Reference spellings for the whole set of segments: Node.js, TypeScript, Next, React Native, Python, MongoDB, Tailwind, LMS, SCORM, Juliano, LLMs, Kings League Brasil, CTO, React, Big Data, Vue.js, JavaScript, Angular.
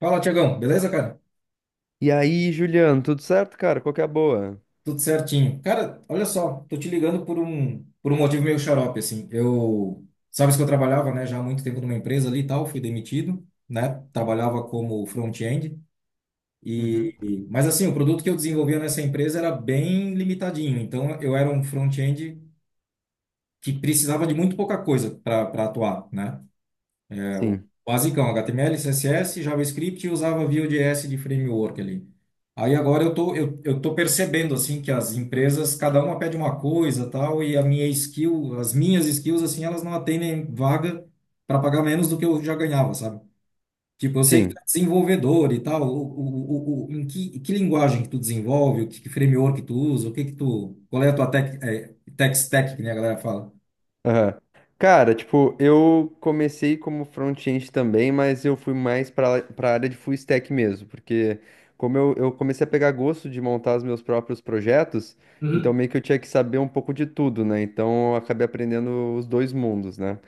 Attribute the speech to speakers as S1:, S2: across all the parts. S1: Fala, Tiagão. Beleza, cara?
S2: E aí, Juliano, tudo certo, cara? Qual que é a boa?
S1: Tudo certinho. Cara, olha só, tô te ligando por um motivo meio xarope, assim. Sabes que eu trabalhava, né, já há muito tempo numa empresa ali e tal, fui demitido, né? Trabalhava como front-end
S2: Uhum.
S1: mas assim, o produto que eu desenvolvia nessa empresa era bem limitadinho. Então, eu era um front-end que precisava de muito pouca coisa para atuar, né? É, o
S2: Sim,
S1: Basicão, HTML, CSS, JavaScript e usava Vue.js de framework ali. Aí agora eu tô percebendo, assim, que as empresas, cada uma pede uma coisa, tal, e as minhas skills, assim, elas não atendem vaga para pagar menos do que eu já ganhava, sabe? Tipo, eu sei que tu
S2: sim.
S1: é desenvolvedor e tal, em que linguagem que tu desenvolve, que framework que tu usa, o que que tu, qual é a tua tech stack, que nem a galera fala.
S2: Aham. Cara, tipo, eu comecei como front-end também, mas eu fui mais para para área de full stack mesmo, porque como eu comecei a pegar gosto de montar os meus próprios projetos, então meio que eu tinha que saber um pouco de tudo, né? Então eu acabei aprendendo os dois mundos, né?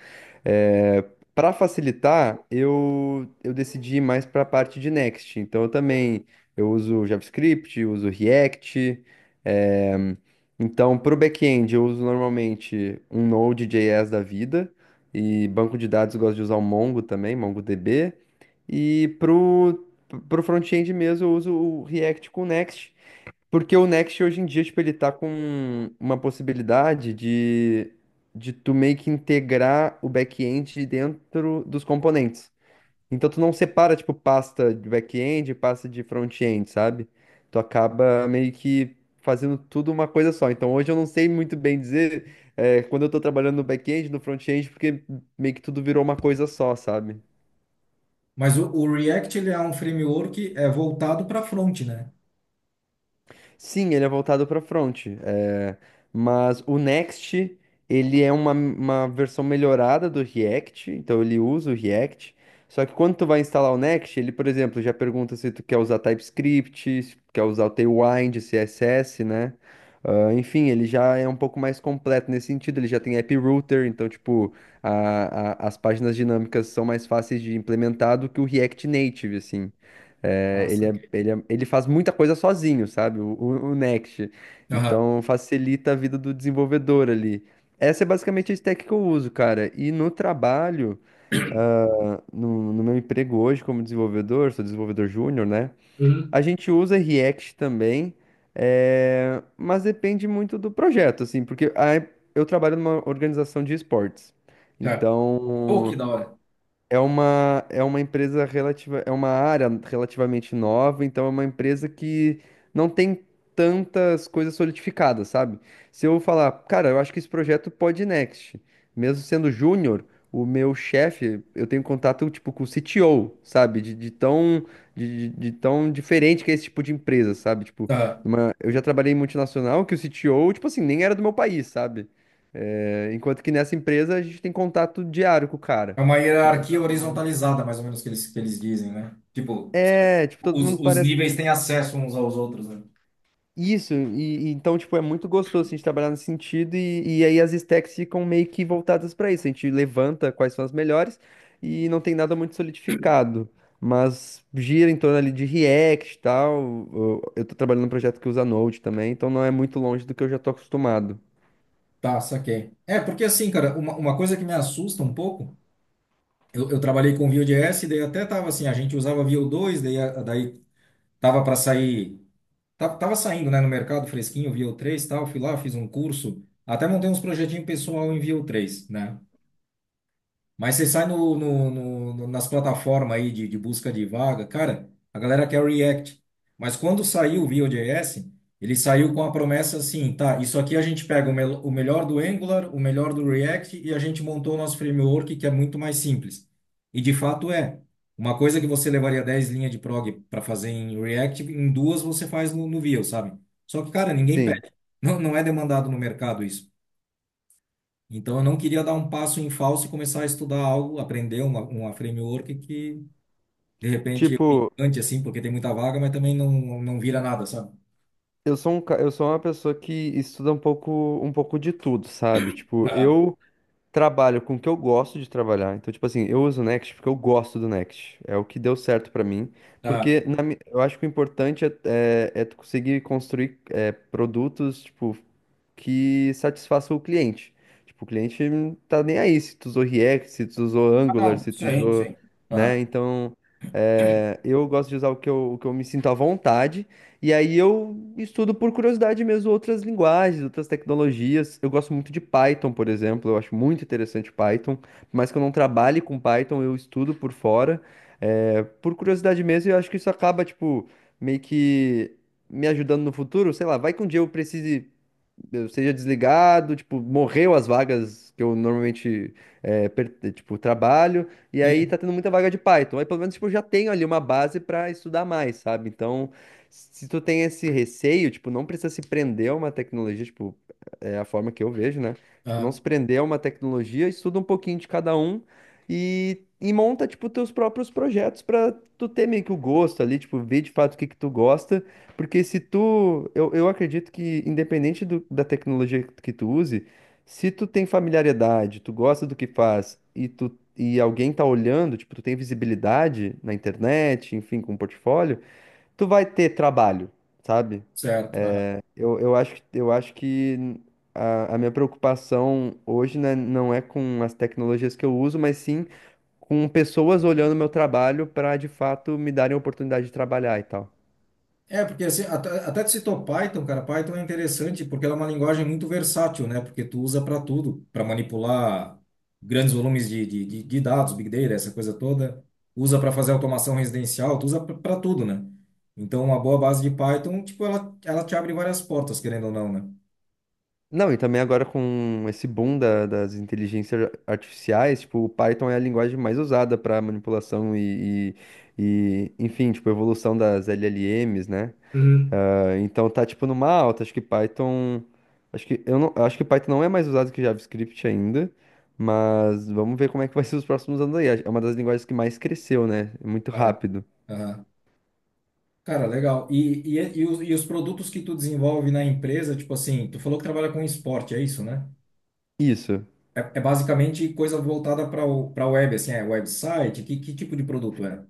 S2: É, para facilitar, eu decidi ir mais para a parte de Next. Então eu também eu uso JavaScript, uso React, eh, então, para o back-end, eu uso normalmente um Node.js da vida, e banco de dados eu gosto de usar o Mongo também, MongoDB. E para o front-end mesmo eu uso o React com o Next, porque o Next hoje em dia, tipo, ele tá com uma possibilidade de tu meio que integrar o back-end dentro dos componentes. Então tu não separa, tipo, pasta de back-end e pasta de front-end, sabe? Tu acaba meio que fazendo tudo uma coisa só. Então hoje eu não sei muito bem dizer, quando eu tô trabalhando no back-end, no front-end, porque meio que tudo virou uma coisa só, sabe?
S1: Mas o React, ele é um framework é voltado para front, né?
S2: Sim, ele é voltado para front, é, mas o Next, ele é uma versão melhorada do React, então ele usa o React, só que quando tu vai instalar o Next, ele, por exemplo, já pergunta se tu quer usar TypeScript, se tu quer usar o Tailwind, CSS, né? Ah, enfim, ele já é um pouco mais completo nesse sentido, ele já tem app router, então, tipo, as páginas dinâmicas são mais fáceis de implementar do que o React Native, assim.
S1: Ah,
S2: É, ele, é-
S1: saquei.
S2: ele, é- ele faz muita coisa sozinho, sabe? O Next.
S1: Aham.
S2: Então facilita a vida do desenvolvedor ali. Essa é basicamente a stack que eu uso, cara. E no trabalho, no meu emprego hoje como desenvolvedor, sou desenvolvedor júnior, né?
S1: Uhum.
S2: A gente usa React também, é, mas depende muito do projeto, assim, porque eu trabalho numa organização de esportes.
S1: Tá. Pô, que
S2: Então.
S1: da hora.
S2: É uma empresa relativa, é uma área relativamente nova, então é uma empresa que não tem tantas coisas solidificadas, sabe? Se eu falar, cara, eu acho que esse projeto pode ir next, mesmo sendo júnior, o meu chefe, eu tenho contato tipo com o CTO, sabe? De tão diferente que é esse tipo de empresa, sabe? Tipo,
S1: Tá.
S2: eu já trabalhei em multinacional que o CTO, tipo assim, nem era do meu país, sabe? É, enquanto que nessa empresa a gente tem contato diário com o cara.
S1: É uma hierarquia horizontalizada, mais ou menos, que eles dizem, né? Tipo,
S2: É, tipo, todo
S1: os,
S2: mundo
S1: os
S2: parece
S1: níveis têm acesso uns aos outros, né?
S2: isso, e então, tipo, é muito gostoso assim, a gente trabalhar nesse sentido, e aí as stacks ficam meio que voltadas pra isso. A gente levanta quais são as melhores e não tem nada muito solidificado, mas gira em torno ali de React e tal. Eu tô trabalhando num projeto que usa Node também, então não é muito longe do que eu já tô acostumado.
S1: Tá, saquei. É, porque assim, cara, uma coisa que me assusta um pouco, eu trabalhei com Vue.js, daí até tava assim, a gente usava Vue 2 daí, daí tava para sair, tava saindo, né, no mercado fresquinho, Vue 3 e tal, fui lá, fiz um curso, até montei uns projetinhos pessoal em Vue 3, né? Mas você sai nas plataformas aí de busca de vaga, cara, a galera quer React. Mas quando saiu o Vue.js, ele saiu com a promessa assim, tá, isso aqui a gente pega o melhor do Angular, o melhor do React e a gente montou o nosso framework que é muito mais simples. E de fato é. Uma coisa que você levaria 10 linhas de prog para fazer em React, em duas você faz no Vue, sabe? Só que, cara, ninguém
S2: Sim,
S1: pede. Não, não é demandado no mercado isso. Então, eu não queria dar um passo em falso e começar a estudar algo, aprender uma framework que, de repente, eu me
S2: tipo,
S1: encante, assim, porque tem muita vaga, mas também não vira nada, sabe?
S2: eu sou uma pessoa que estuda um pouco de tudo, sabe? Tipo,
S1: Ah,
S2: eu trabalho com o que eu gosto de trabalhar. Então, tipo assim, eu uso o Next porque eu gosto do Next. É o que deu certo pra mim.
S1: ah,
S2: Porque eu acho que o importante é, é, é tu conseguir construir é, produtos, tipo que satisfaça o cliente. Tipo, o cliente não tá nem aí se tu usou React, se tu usou
S1: ah,
S2: Angular,
S1: não,
S2: se tu
S1: sim,
S2: usou,
S1: sim.
S2: né?
S1: Aham.
S2: Então, é, eu gosto de usar o que eu me sinto à vontade. E aí eu estudo por curiosidade mesmo outras linguagens, outras tecnologias. Eu gosto muito de Python, por exemplo. Eu acho muito interessante Python. Por mais que eu não trabalhe com Python, eu estudo por fora. É, por curiosidade mesmo, e eu acho que isso acaba, tipo, meio que me ajudando no futuro, sei lá, vai que um dia eu precise eu seja desligado, tipo, morreu as vagas que eu normalmente, tipo, trabalho, e aí
S1: Sim.
S2: tá tendo muita vaga de Python. Aí pelo menos, tipo, eu já tenho ali uma base pra estudar mais, sabe? Então, se tu tem esse receio, tipo, não precisa se prender a uma tecnologia, tipo, é a forma que eu vejo, né? Tipo, não
S1: Aham.
S2: se prender a uma tecnologia, estuda um pouquinho de cada um e monta, tipo, teus próprios projetos pra tu ter meio que o gosto ali, tipo, ver de fato o que que tu gosta porque se tu, eu acredito que independente da tecnologia que tu use, se tu tem familiaridade, tu gosta do que faz e tu e alguém tá olhando, tipo, tu tem visibilidade na internet, enfim, com um portfólio, tu vai ter trabalho, sabe?
S1: Certo.
S2: Eu acho que a minha preocupação hoje, né, não é com as tecnologias que eu uso, mas sim com pessoas olhando meu trabalho para de fato me darem a oportunidade de trabalhar e tal.
S1: É, porque assim, até tu citou Python, cara, Python é interessante porque ela é uma linguagem muito versátil, né? Porque tu usa para tudo, para manipular grandes volumes de dados, Big Data, essa coisa toda. Usa para fazer automação residencial, tu usa para tudo, né? Então, uma boa base de Python, tipo, ela te abre várias portas, querendo ou não, né?
S2: Não, e também agora com esse boom das inteligências artificiais, tipo, o Python é a linguagem mais usada para manipulação e, enfim, tipo, evolução das LLMs, né?
S1: Uhum.
S2: Ah, então tá, tipo, numa alta. Acho que Python. Acho que, eu não, acho que Python não é mais usado que JavaScript ainda, mas vamos ver como é que vai ser os próximos anos aí. É uma das linguagens que mais cresceu, né? Muito
S1: Ah,
S2: rápido.
S1: aham. Cara, legal. E os produtos que tu desenvolve na empresa, tipo assim, tu falou que trabalha com esporte, é isso, né?
S2: Isso.
S1: É, é basicamente coisa voltada para web, assim, é website? Que tipo de produto é?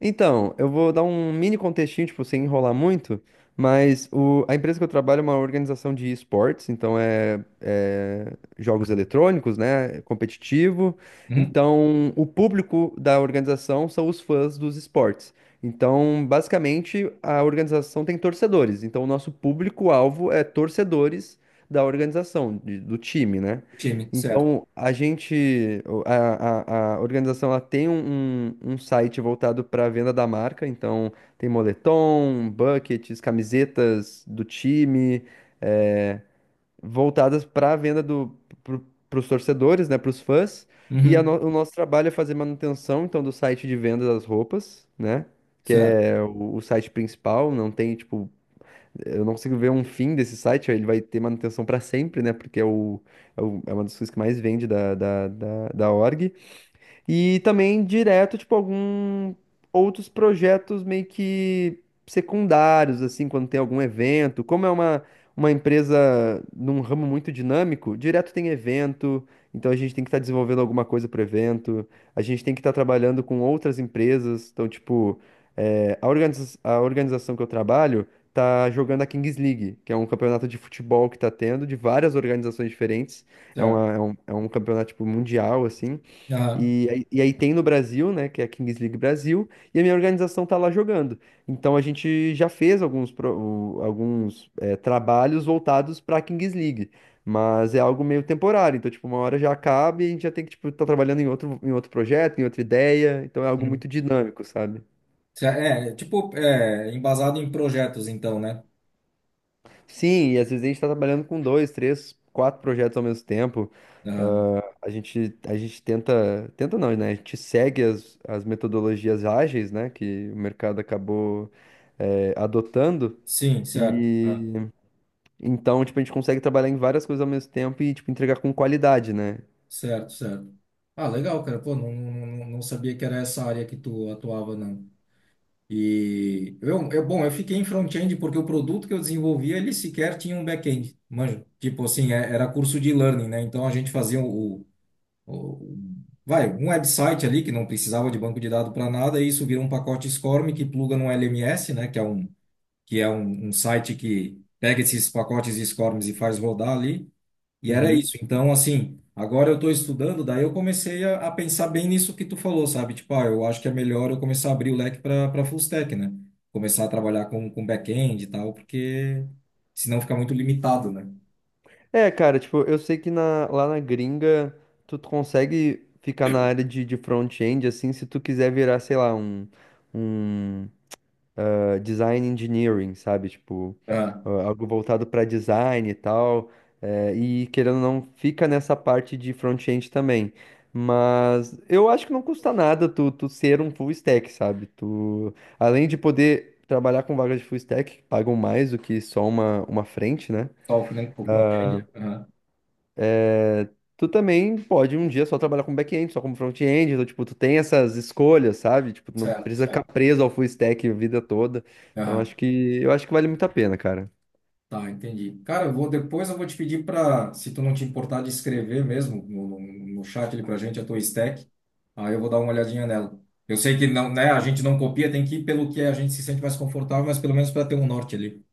S2: Então, eu vou dar um mini contextinho, tipo, sem enrolar muito, mas a empresa que eu trabalho é uma organização de esportes, então é, é jogos eletrônicos, né? É competitivo.
S1: Uhum.
S2: Então, o público da organização são os fãs dos esportes. Então, basicamente, a organização tem torcedores. Então, o nosso público-alvo é torcedores da organização, de- do time, né?
S1: Time, certo.
S2: Então, a gente, o- a organização, ela tem um, um um site voltado para a venda da marca, então tem moletom, buckets, camisetas do time, eh, voltadas para a venda do, para os torcedores, né, para os fãs, e a
S1: Uhum.
S2: no- o nosso trabalho é fazer manutenção, então, do site de venda das roupas, né, que
S1: Certo,
S2: é o site principal, não tem, tipo, eu não consigo ver um fim desse site, ele vai ter manutenção para sempre, né? Porque é uma das coisas que mais vende da org. E também direto, tipo, algum outros projetos meio que secundários, assim, quando tem algum evento. Como é uma empresa num ramo muito dinâmico, direto tem evento, então a gente tem que estar desenvolvendo alguma coisa para o evento, a gente tem que estar trabalhando com outras empresas. Então, tipo, é, a organização que eu trabalho tá jogando a Kings League, que é um campeonato de futebol que tá tendo, de várias organizações diferentes.
S1: certo.
S2: É um campeonato, tipo, mundial, assim.
S1: Aham.
S2: E aí tem no Brasil, né, que é a Kings League Brasil, e a minha organização tá lá jogando. Então a gente já fez alguns, alguns é, trabalhos voltados pra Kings League, mas é algo meio temporário. Então, tipo, uma hora já acaba e a gente já tem que, tipo, tá trabalhando em outro projeto, em outra ideia. Então é algo
S1: Uhum.
S2: muito dinâmico, sabe?
S1: É tipo, embasado em projetos, então, né?
S2: Sim, e às vezes a gente está trabalhando com dois, três, quatro projetos ao mesmo tempo.
S1: Aham.
S2: Ah, a gente tenta, tenta não, né? A gente segue as, as metodologias ágeis, né? Que o mercado acabou, adotando.
S1: Sim, certo. Ah,
S2: E então, tipo, a gente consegue trabalhar em várias coisas ao mesmo tempo e, tipo, entregar com qualidade, né?
S1: certo, certo. Ah, legal, cara. Pô, não sabia que era essa área que tu atuava, não. E bom, eu fiquei em front-end porque o produto que eu desenvolvia, ele sequer tinha um back-end. Manja, tipo assim, era curso de learning, né? Então a gente fazia o- vai, um website ali que não precisava de banco de dados para nada, e isso vira um pacote SCORM que pluga no LMS, né, um site que pega esses pacotes SCORMs e faz rodar ali, e era
S2: Uhum.
S1: isso. Então, assim, agora eu estou estudando, daí eu comecei a pensar bem nisso que tu falou, sabe? Tipo, ah, eu acho que é melhor eu começar a abrir o leque para full stack, né? Começar a trabalhar com back-end e tal, porque senão fica muito limitado, né?
S2: É, cara, tipo, eu sei que lá na gringa tu consegue ficar na área de front-end, assim, se tu quiser virar, sei lá, um design engineering, sabe? Tipo,
S1: Ah,
S2: ah, algo voltado para design e tal. E querendo ou não, fica nessa parte de front-end também. Mas eu acho que não custa nada tu ser um full stack, sabe? Tu, além de poder trabalhar com vagas de full stack, que pagam mais do que só uma frente, né?
S1: só o front-end? Aham,
S2: Tu também pode um dia só trabalhar com back-end, só como front-end. Então, tipo, tu tem essas escolhas, sabe? Tipo, tu não
S1: certo,
S2: precisa ficar
S1: certo.
S2: preso ao full stack a vida toda. Então,
S1: Aham.
S2: acho que, eu acho que vale muito a pena, cara.
S1: Tá, entendi. Cara, eu vou depois eu vou te pedir para, se tu não te importar de escrever mesmo no chat ali pra gente a tua stack, aí eu vou dar uma olhadinha nela. Eu sei que não, né, a gente não copia, tem que ir pelo que a gente se sente mais confortável, mas pelo menos para ter um norte ali.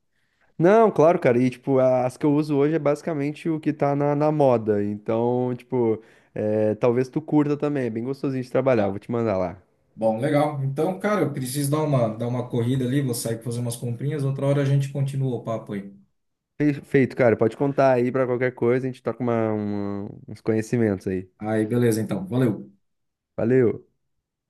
S2: Não, claro, cara. E, tipo, as que eu uso hoje é basicamente o que tá na, na moda. Então, tipo, é, talvez tu curta também. É bem gostosinho de trabalhar.
S1: Tá.
S2: Vou te mandar lá.
S1: Bom, legal. Então, cara, eu preciso dar uma corrida ali, vou sair pra fazer umas comprinhas, outra hora a gente continua o papo aí.
S2: Feito, cara. Pode contar aí pra qualquer coisa. A gente toca uma, uns conhecimentos aí.
S1: Aí, beleza, então. Valeu.
S2: Valeu.